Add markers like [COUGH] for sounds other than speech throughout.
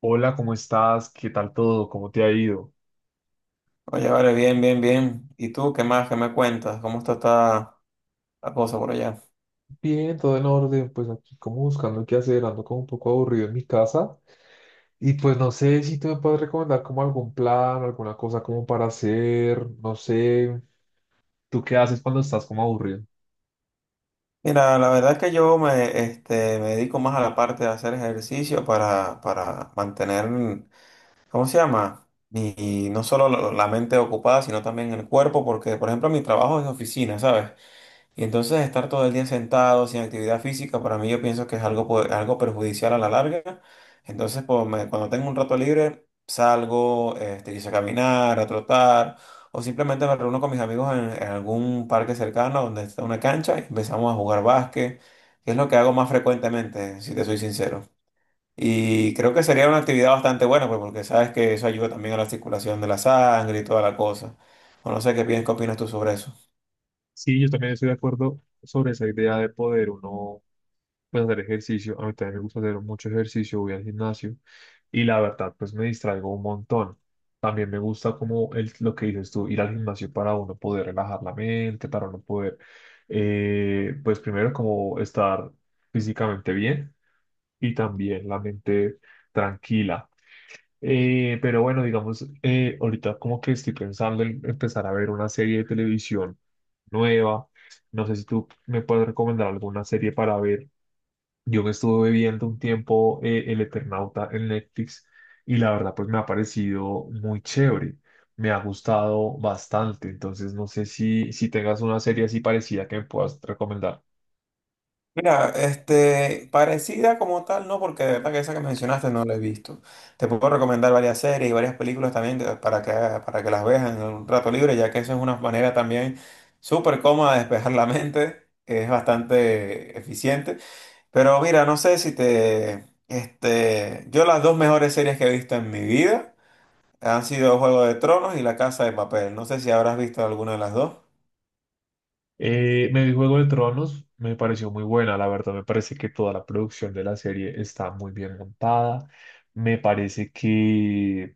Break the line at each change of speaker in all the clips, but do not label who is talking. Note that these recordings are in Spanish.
Hola, ¿cómo estás? ¿Qué tal todo? ¿Cómo te ha ido?
Oye, vale, bien, bien, bien. ¿Y tú qué más? ¿Qué me cuentas? ¿Cómo está, la cosa por allá?
Bien, todo en orden, pues aquí como buscando qué hacer, ando como un poco aburrido en mi casa y pues no sé si tú me puedes recomendar como algún plan, alguna cosa como para hacer, no sé. ¿Tú qué haces cuando estás como aburrido?
Mira, la verdad es que me dedico más a la parte de hacer ejercicio para mantener, ¿cómo se llama? Y no solo la mente ocupada, sino también el cuerpo, porque, por ejemplo, mi trabajo es de oficina, ¿sabes? Y entonces estar todo el día sentado sin actividad física, para mí yo pienso que es algo, algo perjudicial a la larga. Entonces, pues, cuando tengo un rato libre, salgo, quizá a caminar, a trotar, o simplemente me reúno con mis amigos en algún parque cercano donde está una cancha y empezamos a jugar básquet, que es lo que hago más frecuentemente, si te soy sincero. Y creo que sería una actividad bastante buena, pues, porque sabes que eso ayuda también a la circulación de la sangre y toda la cosa. O no sé qué piensas, qué opinas tú sobre eso.
Sí, yo también estoy de acuerdo sobre esa idea de poder uno pues hacer ejercicio. A mí también me gusta hacer mucho ejercicio, voy al gimnasio y la verdad, pues me distraigo un montón. También me gusta como el, lo que dices tú, ir al gimnasio para uno poder relajar la mente, para uno poder, pues primero como estar físicamente bien y también la mente tranquila. Pero bueno, digamos, ahorita como que estoy pensando en empezar a ver una serie de televisión nueva. No sé si tú me puedes recomendar alguna serie para ver. Yo me estuve viendo un tiempo El Eternauta en Netflix y la verdad pues me ha parecido muy chévere, me ha gustado bastante, entonces no sé si, si tengas una serie así parecida que me puedas recomendar.
Mira, parecida como tal, no, porque de verdad que esa que mencionaste no la he visto. Te puedo recomendar varias series y varias películas también para que las veas en un rato libre, ya que eso es una manera también súper cómoda de despejar la mente, es bastante eficiente. Pero mira, no sé si te, yo las dos mejores series que he visto en mi vida han sido Juego de Tronos y La Casa de Papel. No sé si habrás visto alguna de las dos.
Me vi Juego de Tronos, me pareció muy buena, la verdad me parece que toda la producción de la serie está muy bien montada, me parece que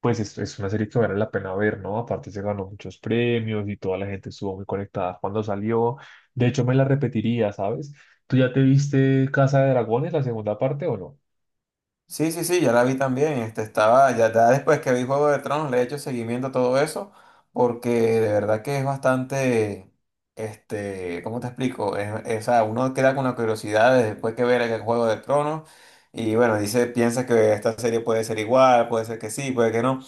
pues es una serie que vale la pena ver, ¿no? Aparte se ganó muchos premios y toda la gente estuvo muy conectada cuando salió. De hecho, me la repetiría, ¿sabes? ¿Tú ya te viste Casa de Dragones, la segunda parte o no?
Sí, sí, sí, ya la vi también. Estaba, ya después que vi Juego de Tronos, le he hecho seguimiento a todo eso, porque de verdad que es bastante, ¿cómo te explico? O sea, uno queda con la curiosidad de después que ver el Juego de Tronos, y bueno, dice, piensa que esta serie puede ser igual, puede ser que sí, puede que no.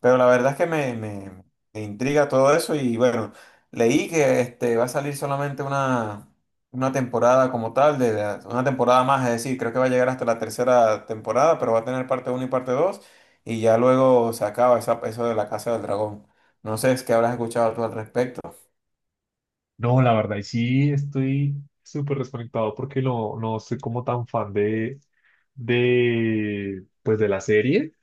Pero la verdad es que me intriga todo eso y bueno, leí que va a salir una temporada como tal, una temporada más, es decir, creo que va a llegar hasta la tercera temporada, pero va a tener parte uno y parte 2 y ya luego se acaba esa, eso de la Casa del Dragón. No sé, es que habrás escuchado tú al respecto.
No, la verdad, y sí estoy súper desconectado porque no, no soy como tan fan de, pues de la serie.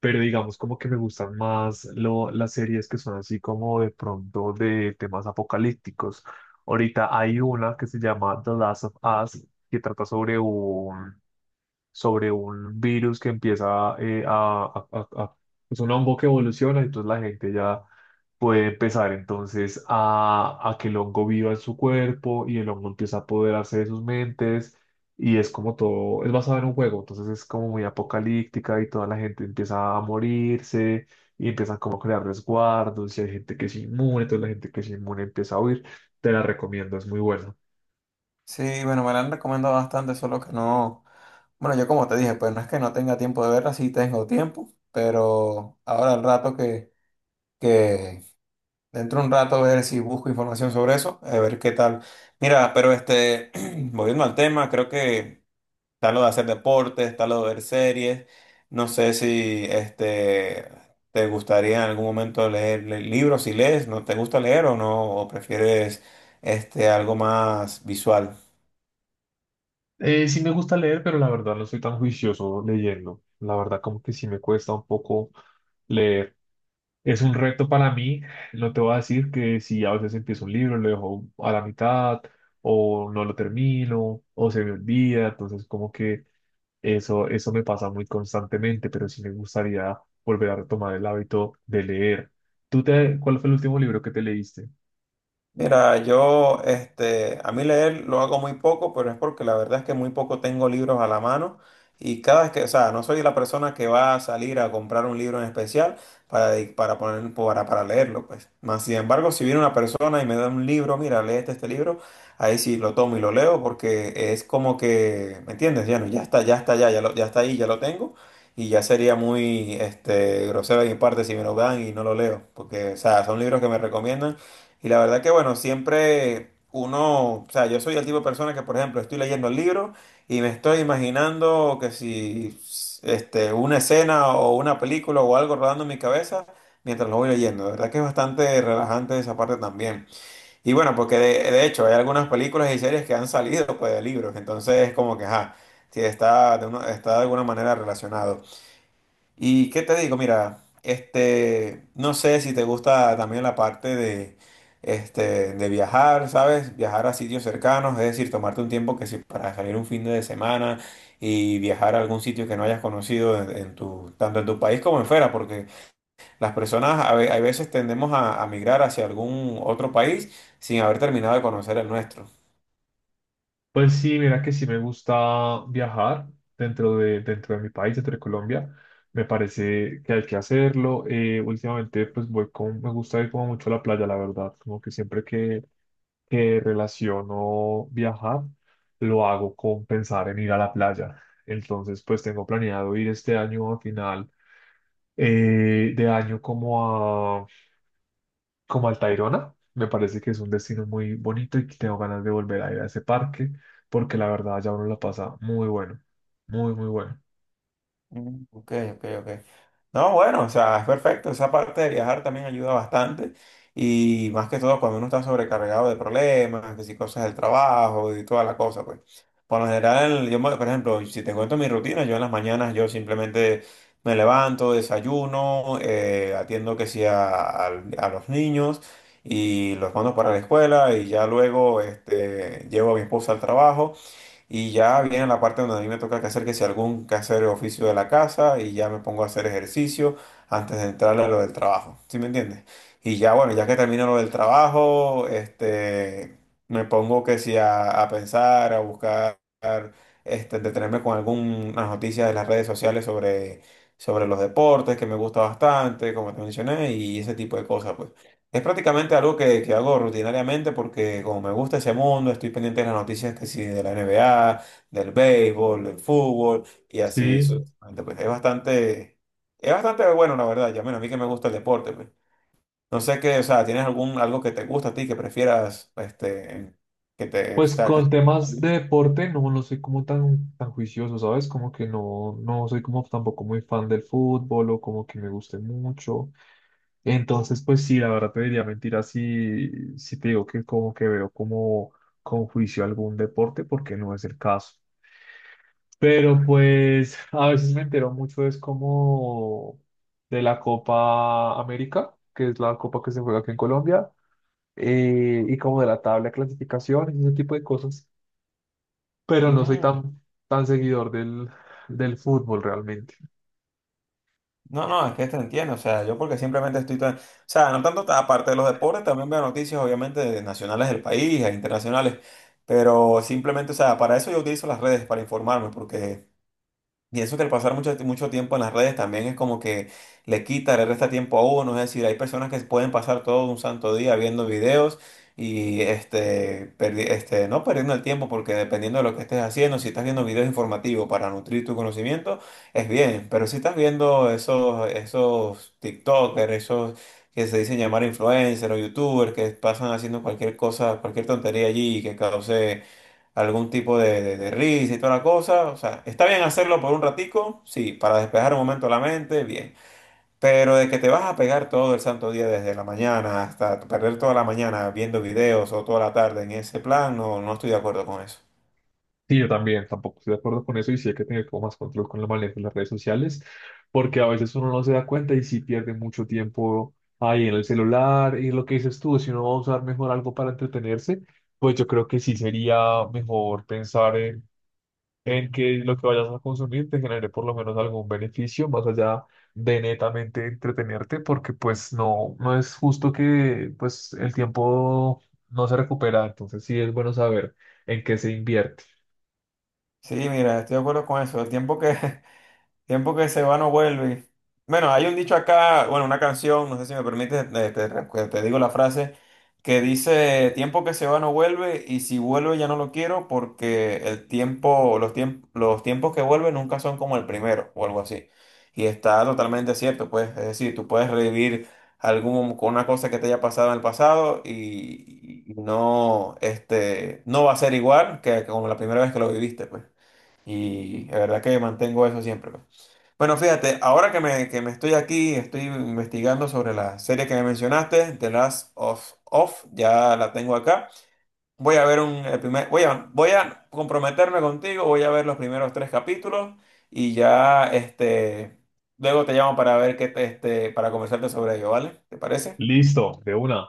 Pero digamos como que me gustan más lo, las series que son así como de pronto de temas apocalípticos. Ahorita hay una que se llama The Last of Us, que trata sobre un virus que empieza es un hongo que evoluciona, entonces la gente ya puede empezar entonces a que el hongo viva en su cuerpo y el hongo empieza a apoderarse de sus mentes y es como todo, es basado en un juego, entonces es como muy apocalíptica y toda la gente empieza a morirse y empiezan como a crear resguardos y hay gente que es inmune, entonces la gente que es inmune empieza a huir. Te la recomiendo, es muy buena.
Sí, bueno, me la han recomendado bastante, solo que no. Bueno, yo como te dije, pues no es que no tenga tiempo de verla, sí tengo tiempo, pero ahora al rato que dentro de un rato ver si busco información sobre eso, a ver qué tal. Mira, pero [CLEARS THROAT] volviendo al tema, creo que está lo de hacer deportes, está lo de ver series. No sé si te gustaría en algún momento leer, libros, si lees, ¿no te gusta leer o no? ¿O prefieres algo más visual?
Sí me gusta leer, pero la verdad no soy tan juicioso leyendo. La verdad como que sí me cuesta un poco leer. Es un reto para mí. No te voy a decir que si a veces empiezo un libro, lo dejo a la mitad o no lo termino o se me olvida. Entonces como que eso me pasa muy constantemente, pero sí me gustaría volver a retomar el hábito de leer. ¿Tú te, cuál fue el último libro que te leíste?
Mira, a mí leer lo hago muy poco, pero es porque la verdad es que muy poco tengo libros a la mano y cada vez que, o sea, no soy la persona que va a salir a comprar un libro en especial para, para poner, para leerlo, pues. Más sin embargo, si viene una persona y me da un libro, mira, léete este libro, ahí sí lo tomo y lo leo porque es como que, ¿me entiendes? Ya no, ya está, ya está ahí, ya lo tengo. Y ya sería muy grosero de mi parte si me lo dan y no lo leo, porque, o sea, son libros que me recomiendan y la verdad que, bueno, siempre uno, o sea, yo soy el tipo de persona que, por ejemplo, estoy leyendo el libro y me estoy imaginando que si una escena o una película o algo rodando en mi cabeza mientras lo voy leyendo. De verdad que es bastante relajante esa parte también. Y bueno, porque de hecho hay algunas películas y series que han salido pues, de libros, entonces es como que, ajá, sí, está de alguna manera relacionado. ¿Y qué te digo? Mira, no sé si te gusta también la parte de, de viajar, ¿sabes? Viajar a sitios cercanos, es decir, tomarte un tiempo que si para salir un fin de semana y viajar a algún sitio que no hayas conocido en tu, tanto en tu país como en fuera, porque las personas a veces tendemos a migrar hacia algún otro país sin haber terminado de conocer el nuestro.
Pues sí, mira que sí me gusta viajar dentro de mi país, dentro de Colombia. Me parece que hay que hacerlo. Últimamente, pues voy con, me gusta ir como mucho a la playa, la verdad. Como que siempre que relaciono viajar, lo hago con pensar en ir a la playa. Entonces, pues tengo planeado ir este año a final de año como como al Tayrona. Me parece que es un destino muy bonito y que tengo ganas de volver a ir a ese parque porque la verdad ya uno la pasa muy bueno, muy, muy bueno.
Mm, ok, ok, ok. No, bueno, o sea, es perfecto. Esa parte de viajar también ayuda bastante. Y más que todo cuando uno está sobrecargado de problemas, que si cosas del trabajo y toda la cosa, pues. Por lo general, por ejemplo, si te cuento mi rutina, yo en las mañanas yo simplemente me levanto, desayuno, atiendo que sí a, a los niños y los mando para la escuela y ya luego llevo a mi esposa al trabajo. Y ya viene la parte donde a mí me toca que hacer que si algún quehacer o oficio de la casa y ya me pongo a hacer ejercicio antes de entrarle a lo del trabajo. ¿Sí me entiendes? Y ya bueno, ya que termino lo del trabajo, me pongo que si a pensar, a buscar, detenerme con algunas noticias de las redes sociales sobre los deportes que me gusta bastante, como te mencioné, y ese tipo de cosas, pues. Es prácticamente algo que hago rutinariamente porque como me gusta ese mundo, estoy pendiente de las noticias que sí, de la NBA, del béisbol, del fútbol y así
Sí,
sucesivamente. Pues es bastante bueno, la verdad. Ya, bueno, a mí que me gusta el deporte, pues. No sé qué, o sea, ¿tienes algún algo que te gusta a ti, que prefieras, que te, o
pues
sea, que...
con temas de deporte no, no soy como tan, tan juicioso, ¿sabes? Como que no, no soy como tampoco muy fan del fútbol o como que me guste mucho. Entonces, pues sí, la verdad te diría mentira si, si te digo que como que veo como con juicio algún deporte porque no es el caso. Pero pues a veces me entero mucho es como de la Copa América, que es la copa que se juega aquí en Colombia, y como de la tabla de clasificaciones y ese tipo de cosas. Pero no soy
Mm.
tan, tan seguidor del, del fútbol realmente.
No, no, es que te entiendo, o sea, yo porque simplemente estoy tan, o sea, no tanto aparte de los deportes, también veo noticias obviamente de nacionales del país, e internacionales, pero simplemente, o sea, para eso yo utilizo las redes, para informarme, porque y eso que el pasar mucho tiempo en las redes también es como que le quita, le resta tiempo a uno. Es decir, hay personas que pueden pasar todo un santo día viendo videos y no perdiendo el tiempo porque dependiendo de lo que estés haciendo, si estás viendo videos informativos para nutrir tu conocimiento, es bien. Pero si estás viendo esos TikTokers, esos que se dicen llamar influencers o YouTubers que pasan haciendo cualquier cosa, cualquier tontería allí que cause algún tipo de, de risa y toda la cosa. O sea, está bien hacerlo por un ratico, sí, para despejar un momento la mente, bien. Pero de que te vas a pegar todo el santo día desde la mañana hasta perder toda la mañana viendo videos o toda la tarde en ese plan, no, no estoy de acuerdo con eso.
Sí, yo también, tampoco estoy de acuerdo con eso y sí hay que tener como más control con el manejo de las redes sociales, porque a veces uno no se da cuenta y sí pierde mucho tiempo ahí en el celular y lo que dices tú, si uno va a usar mejor algo para entretenerse, pues yo creo que sí sería mejor pensar en que lo que vayas a consumir te genere por lo menos algún beneficio más allá de netamente entretenerte, porque pues no, no es justo que pues el tiempo no se recupera, entonces sí es bueno saber en qué se invierte.
Sí, mira, estoy de acuerdo con eso. El tiempo que, [LAUGHS] tiempo que se va no vuelve. Bueno, hay un dicho acá, bueno, una canción, no sé si me permites, te, te digo la frase, que dice, tiempo que se va no vuelve y si vuelve ya no lo quiero porque el tiempo, los tiempos que vuelven nunca son como el primero o algo así. Y está totalmente cierto, pues, es decir, tú puedes revivir algún, con una cosa que te haya pasado en el pasado y no, no va a ser igual que como la primera vez que lo viviste, pues. Y la verdad que mantengo eso siempre, pues. Bueno, fíjate, ahora que me estoy aquí, estoy investigando sobre la serie que me mencionaste, The Last of Us, ya la tengo acá. Voy a ver el primer, voy a comprometerme contigo, voy a ver los primeros 3 capítulos y ya, luego te llamo para ver qué te, para conversarte sobre ello, ¿vale? ¿Te parece?
Listo, de una.